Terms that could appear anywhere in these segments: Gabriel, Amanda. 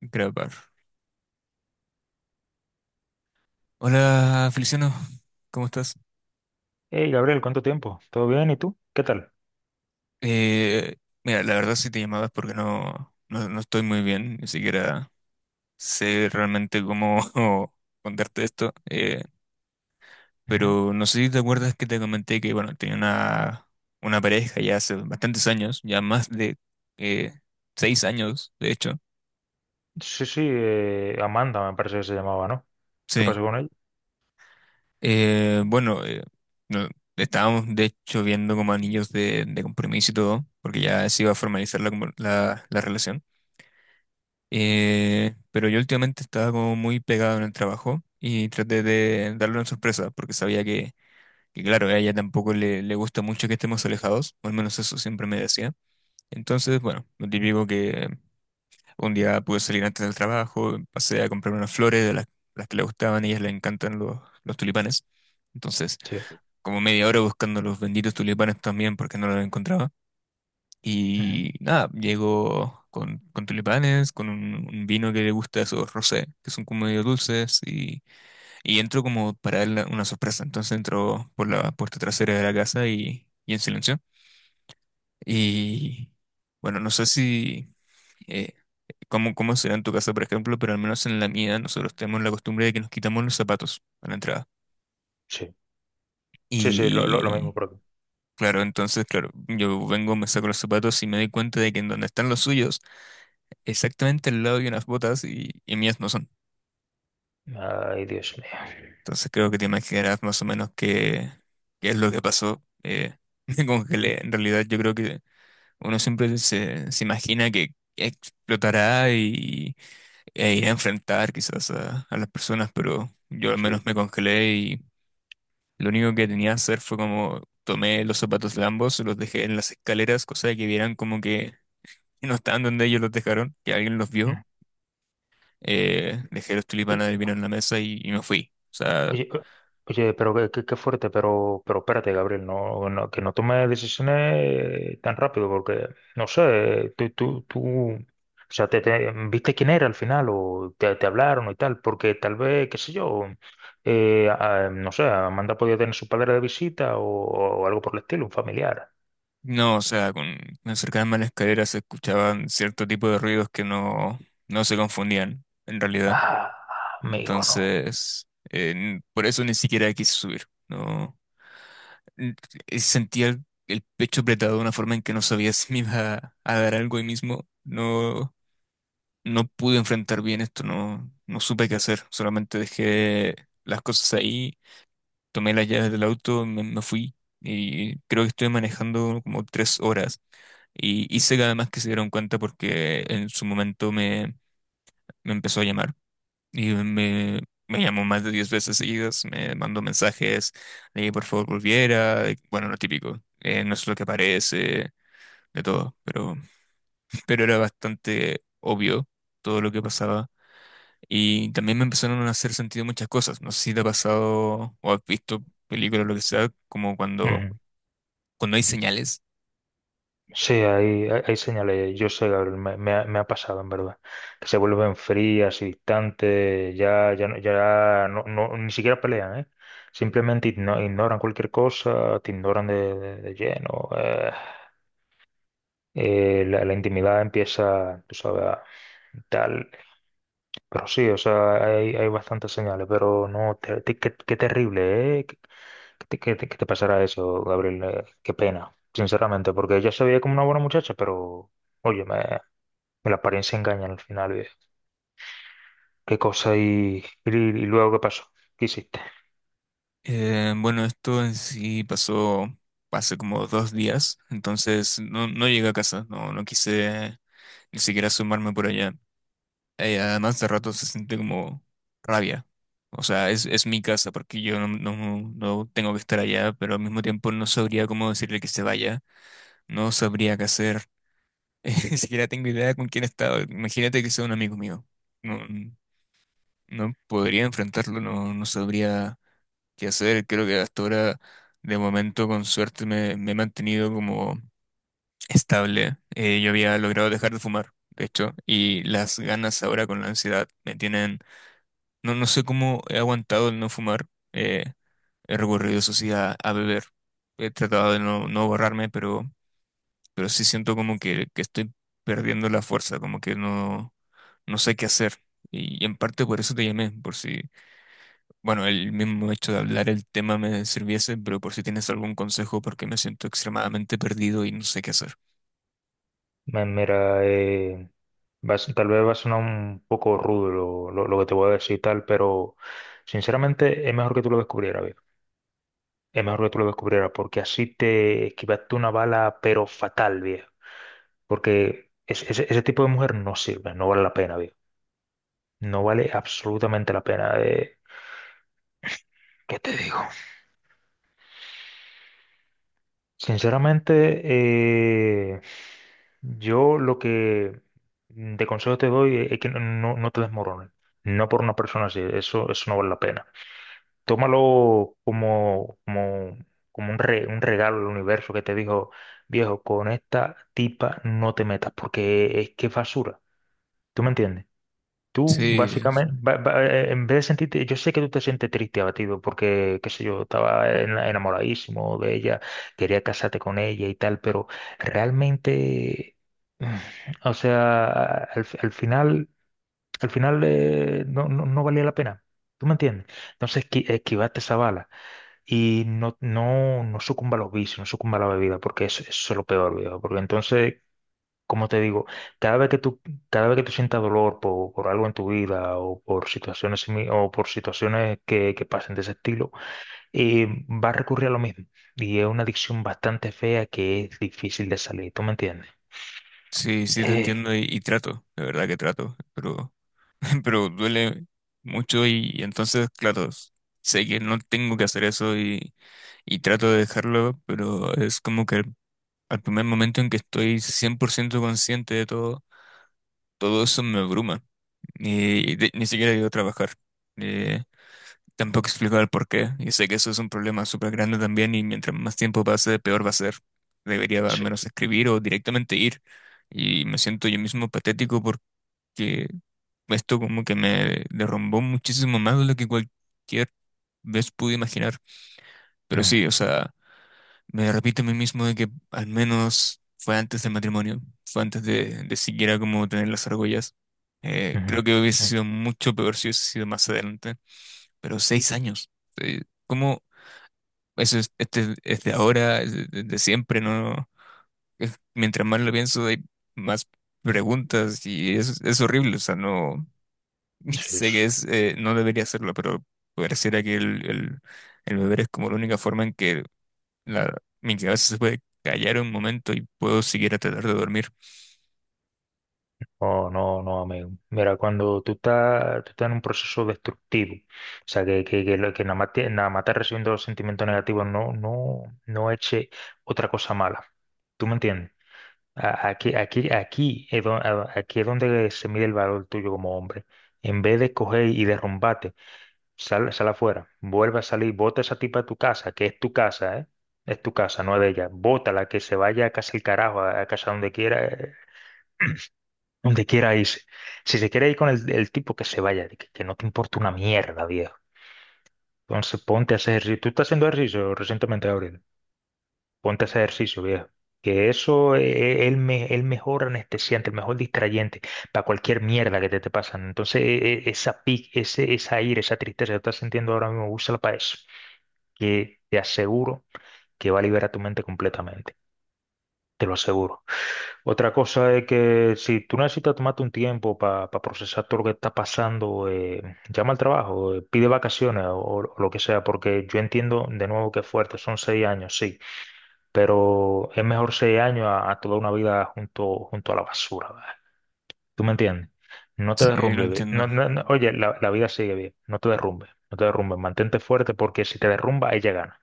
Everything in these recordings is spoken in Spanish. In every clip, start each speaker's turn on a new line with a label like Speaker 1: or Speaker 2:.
Speaker 1: Grabar. Hola, Feliciano, ¿cómo estás?
Speaker 2: Hey, Gabriel, ¿cuánto tiempo? ¿Todo bien? ¿Y tú? ¿Qué tal?
Speaker 1: Eh, mira, la verdad sí te llamabas porque no estoy muy bien, ni siquiera sé realmente cómo contarte esto,
Speaker 2: Ujú.
Speaker 1: pero no sé si te acuerdas que te comenté que, bueno, una pareja ya hace bastantes años, ya más de eh, seis años, de hecho.
Speaker 2: Sí, sí, Amanda me parece que se llamaba, ¿no? ¿Qué
Speaker 1: Sí.
Speaker 2: pasó con ella?
Speaker 1: Eh, bueno, eh, no- Estábamos de hecho viendo como anillos de compromiso y todo, porque ya se iba a formalizar la, como- la la relación. Pero yo últimamente estaba como muy pegado en el trabajo y traté de darle una sorpresa porque sabía claro, a ella tampoco le gusta mucho que estemos alejados, o al menos eso siempre me decía. Entonces, bueno, lo típico que un día pude salir antes del trabajo, pasé a comprar unas flores de las que le gustaban, a ellas le encantan los tulipanes. Entonces,
Speaker 2: Sí.
Speaker 1: como media hora buscando los benditos tulipanes también porque no los encontraba.
Speaker 2: Ujú.
Speaker 1: Y nada, llegó con tulipanes, con un vino que le gusta, esos rosé, que son como medio dulces, y entró como para él una sorpresa. Entonces entró por la puerta trasera de la casa y en silencio. Y bueno, no sé si, eh, cómo, cómo será en tu casa, por ejemplo, pero al menos en la mía nosotros tenemos la costumbre de que nos quitamos los zapatos a la entrada.
Speaker 2: Sí, sí, sí, lo mismo
Speaker 1: Y
Speaker 2: por aquí.
Speaker 1: claro, entonces, claro, yo vengo, me saco los zapatos y me doy cuenta de que en donde están los suyos, exactamente al lado de unas botas y mías no son.
Speaker 2: Ay, Dios mío.
Speaker 1: Entonces creo que te imaginarás más o menos qué es lo que pasó. Me congelé. En realidad yo creo que uno siempre se imagina que explotará y, e irá a enfrentar quizás a las personas, pero yo al
Speaker 2: Sí.
Speaker 1: menos me congelé y lo único que tenía que hacer fue como tomé los zapatos de ambos, los dejé en las escaleras, cosa de que vieran como que no estaban donde ellos los dejaron, que alguien los vio. Dejé los
Speaker 2: Ujú.
Speaker 1: tulipanes del vino en la mesa y me fui. O sea,
Speaker 2: Oye, o- oye, pero qué fuerte, pero espérate, Gabriel, que no tome decisiones tan rápido, porque, no sé, tú, o sea, ¿viste quién era al final o te hablaron y tal? Porque tal vez, qué sé yo, no sé, Amanda podía tener su padre de visita o algo por el estilo, un familiar.
Speaker 1: no, o sea, me acercarme a la escalera se escuchaban cierto tipo de ruidos que no se confundían, en realidad.
Speaker 2: Ah, amigo,
Speaker 1: Entonces, por eso ni siquiera quise subir. No, N- sentía el pecho apretado de una forma en que no sabía si me iba a dar algo ahí mismo. No, no pude enfrentar bien esto, no, no supe qué hacer. Solamente dejé las cosas ahí, tomé las llaves del auto, me fui y creo que estuve manejando como 3 horas. Y hice que además que se dieron cuenta porque en su momento me empezó a llamar y me llamó más de 10 veces seguidas, me mandó mensajes de que por favor volviera, de- bueno, lo típico, no es lo que parece, de todo, pero, pero era bastante obvio todo lo que pasaba. Y también me empezaron a hacer sentido muchas cosas. No sé si te ha pasado o has visto películas o lo que sea, como cuando
Speaker 2: no.
Speaker 1: cuando hay señales.
Speaker 2: Sí, hay señales, yo sé, Gabriel, me ha pasado en verdad, que se vuelven frías y distantes, ni siquiera pelean, ¿eh? Simplemente ignoran cualquier cosa, te ignoran de lleno, la intimidad empieza, tú sabes, a- tal. Pero sí, o sea, hay bastantes señales, pero no, te- te- qué, qué terrible, ¿eh? ¿ qué te pasará eso, Gabriel? Qué pena, sinceramente, porque ella se veía como una buena muchacha, pero, oye, me la apariencia engaña al final, viejo. ¿Qué cosa y luego qué pasó? ¿Qué hiciste?
Speaker 1: Bueno, esto en sí pasó hace como 2 días, entonces no, no llegué a casa, no, no quise ni siquiera asomarme por allá. Además de rato se siente como rabia. O sea, es mi casa porque yo no tengo que estar allá, pero al mismo tiempo no sabría cómo decirle que se vaya, no sabría qué hacer, ni siquiera tengo idea con quién estaba. Imagínate que sea un amigo mío. No, no podría enfrentarlo, no, no sabría que hacer. Creo que hasta ahora, de momento, con suerte, me he mantenido como estable. Yo había logrado dejar de fumar, de hecho, y las ganas ahora con la ansiedad me tienen... No, no sé cómo he aguantado el no fumar. eh, he recurrido, eso sí, a beber. He tratado de no, no borrarme, pero sí siento como que estoy perdiendo la fuerza, como que no, no sé qué hacer. Y en parte por eso te llamé, por si... Bueno, el mismo hecho de hablar el tema me sirviese, pero por si tienes algún consejo, porque me siento extremadamente perdido y no sé qué hacer.
Speaker 2: Mira, tal vez va a sonar un poco rudo lo que te voy a decir y tal, pero sinceramente es mejor que tú lo descubrieras. Es mejor que tú lo descubrieras, porque así te esquivaste una bala, pero fatal, viejo. Porque ese tipo de mujer no sirve, no vale la pena, viejo. No vale absolutamente la pena. Eh, ¿qué te digo? Sinceramente, yo lo que de consejo te doy es que no te desmorones. No por una persona así, eso no vale la pena. Tómalo como, como, como un regalo del universo que te dijo, viejo, con esta tipa no te metas, porque es que es basura. ¿Tú me entiendes? Tú
Speaker 1: Sí,
Speaker 2: básicamente, en vez de sentirte, yo sé que tú te sientes triste, abatido, porque, qué sé yo, estaba enamoradísimo de ella, quería casarte con ella y tal, pero realmente, mm, o sea, al final, al final, no valía la pena. ¿Tú me entiendes? Entonces, esquivaste esa bala y no sucumba a los vicios, no sucumba a la bebida, porque eso es lo peor, viejo. Porque entonces, como te digo, cada vez que tú, cada vez que tú sientas dolor por algo en tu vida o por situaciones, o por situaciones que pasen de ese estilo, va a recurrir a lo mismo. Y es una adicción bastante fea que es difícil de salir, ¿tú me entiendes?
Speaker 1: sí, sí te
Speaker 2: Eh,
Speaker 1: entiendo y trato, de verdad que trato, pero, pero duele mucho y entonces, claro, sé que no tengo que hacer eso y trato de dejarlo, pero es como que al primer momento en que estoy 100% consciente de todo, todo eso me abruma. Y de- ni siquiera llego a trabajar. Eh, Tampoco explico el por qué, y sé que eso es un problema súper grande también, y mientras más tiempo pase, peor va a ser. Debería al
Speaker 2: sí.
Speaker 1: menos escribir o directamente ir, y me siento yo mismo patético porque esto como que me derrumbó muchísimo más de lo que cualquier vez pude imaginar. Pero
Speaker 2: Ujú,
Speaker 1: sí, o sea, me repito a mí mismo de que al menos fue antes del matrimonio, fue antes de siquiera como tener las argollas.
Speaker 2: ujú,
Speaker 1: Creo que hubiese
Speaker 2: ujú.
Speaker 1: sido mucho peor si hubiese sido más adelante, pero 6 años. eh, ¿Cómo? Eso es, este, es de ahora, es de siempre, ¿no? Es- mientras más lo pienso, hay más preguntas y es horrible. O sea, no
Speaker 2: Sí,
Speaker 1: sé que
Speaker 2: sí.
Speaker 1: es, no debería hacerlo, pero pareciera que el beber es como la única forma en que la, mi cabeza se puede callar un momento y puedo seguir a tratar de dormir.
Speaker 2: Oh, no, no, amigo. Mira, cuando tú estás en un proceso destructivo, o sea, que nada más te, nada más estás recibiendo los sentimientos negativos, no eche otra cosa mala. ¿Tú me entiendes? Aquí, aquí, aquí es donde se mide el valor tuyo como hombre. En vez de coger y derrumbarte, sal, sal afuera, vuelve a salir, bota a esa tipa de tu casa, que es tu casa, ¿eh? Es tu casa, no es de ella. Bótala, que se vaya a casa el carajo, a casa donde quiera irse. Si se quiere ir con el tipo, que se vaya, que no te importa una mierda, viejo. Entonces ponte a hacer ejercicio. Tú estás haciendo ejercicio recientemente, Gabriel. Ponte a hacer ejercicio, viejo. Que eso es el mejor anestesiante, el mejor distrayente para cualquier mierda que te pasan. Entonces, esa ira, esa tristeza que estás sintiendo ahora mismo, úsala para eso. Que te aseguro que va a liberar tu mente completamente. Te lo aseguro. Otra cosa es que si tú necesitas tomarte un tiempo para procesar todo lo que está pasando, llama al trabajo, pide vacaciones o lo que sea, porque yo entiendo de nuevo que es fuerte, son 6 años, sí, pero es mejor 6 años a toda una vida junto, junto a la basura, ¿verdad? ¿Tú me entiendes? No te
Speaker 1: Sí, lo
Speaker 2: derrumbes, ve-
Speaker 1: entiendo.
Speaker 2: no, no, no, oye, la vida sigue bien, no te derrumbes, no te derrumbes, mantente fuerte porque si te derrumba, ella gana,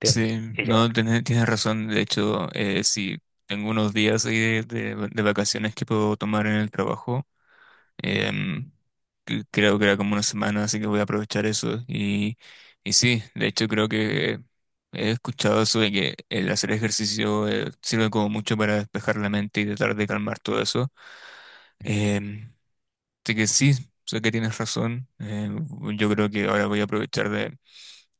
Speaker 2: ¿entiendes?
Speaker 1: Sí,
Speaker 2: Ella
Speaker 1: no, tienes, tienes razón. De hecho, sí, tengo unos días ahí de vacaciones que puedo tomar en el trabajo. Em, creo que era como una semana, así que voy a aprovechar eso. Y sí, de hecho creo que he escuchado eso de que el hacer ejercicio sirve como mucho para despejar la mente y tratar de calmar todo eso. Em, así que sí, sé que tienes razón. Yo creo que ahora voy a aprovechar de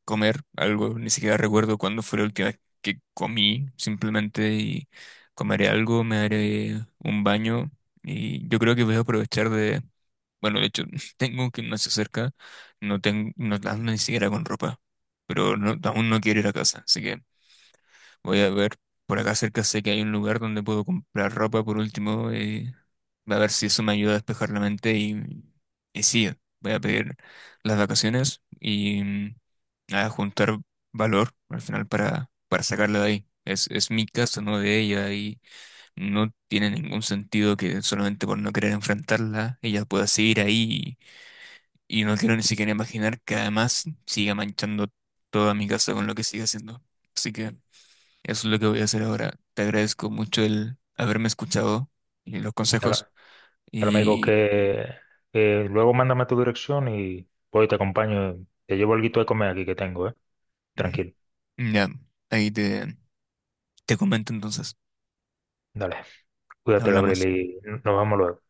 Speaker 1: comer algo. Ni siquiera recuerdo cuándo fue la última vez que comí, simplemente y comeré algo, me daré un baño. Y yo creo que voy a aprovechar, bueno, de hecho, tengo que no se acerca, no tengo, no ando ni siquiera con ropa, pero no- aún no quiero ir a casa, así que voy a ver, por acá cerca sé que hay un lugar donde puedo comprar ropa por último, a ver si eso me ayuda a despejar la mente y sí, voy a pedir las vacaciones y mm, a juntar valor al final para sacarla de ahí. Es mi casa, no de ella, y no tiene ningún sentido que solamente por no querer enfrentarla, ella pueda seguir ahí y no quiero ni siquiera imaginar que además siga manchando toda mi casa con lo que siga haciendo. Así que eso es lo que voy a hacer ahora. Te agradezco mucho el haberme escuchado y los consejos.
Speaker 2: gana. Pero me dijo
Speaker 1: Y
Speaker 2: que luego mándame tu dirección y voy y te acompaño. Te llevo algo de comer aquí que tengo, ¿eh? Tranquilo.
Speaker 1: mm, ya, ahí te comento entonces.
Speaker 2: Dale. Cuídate, Gabriel,
Speaker 1: Hablamos.
Speaker 2: y nos vamos luego.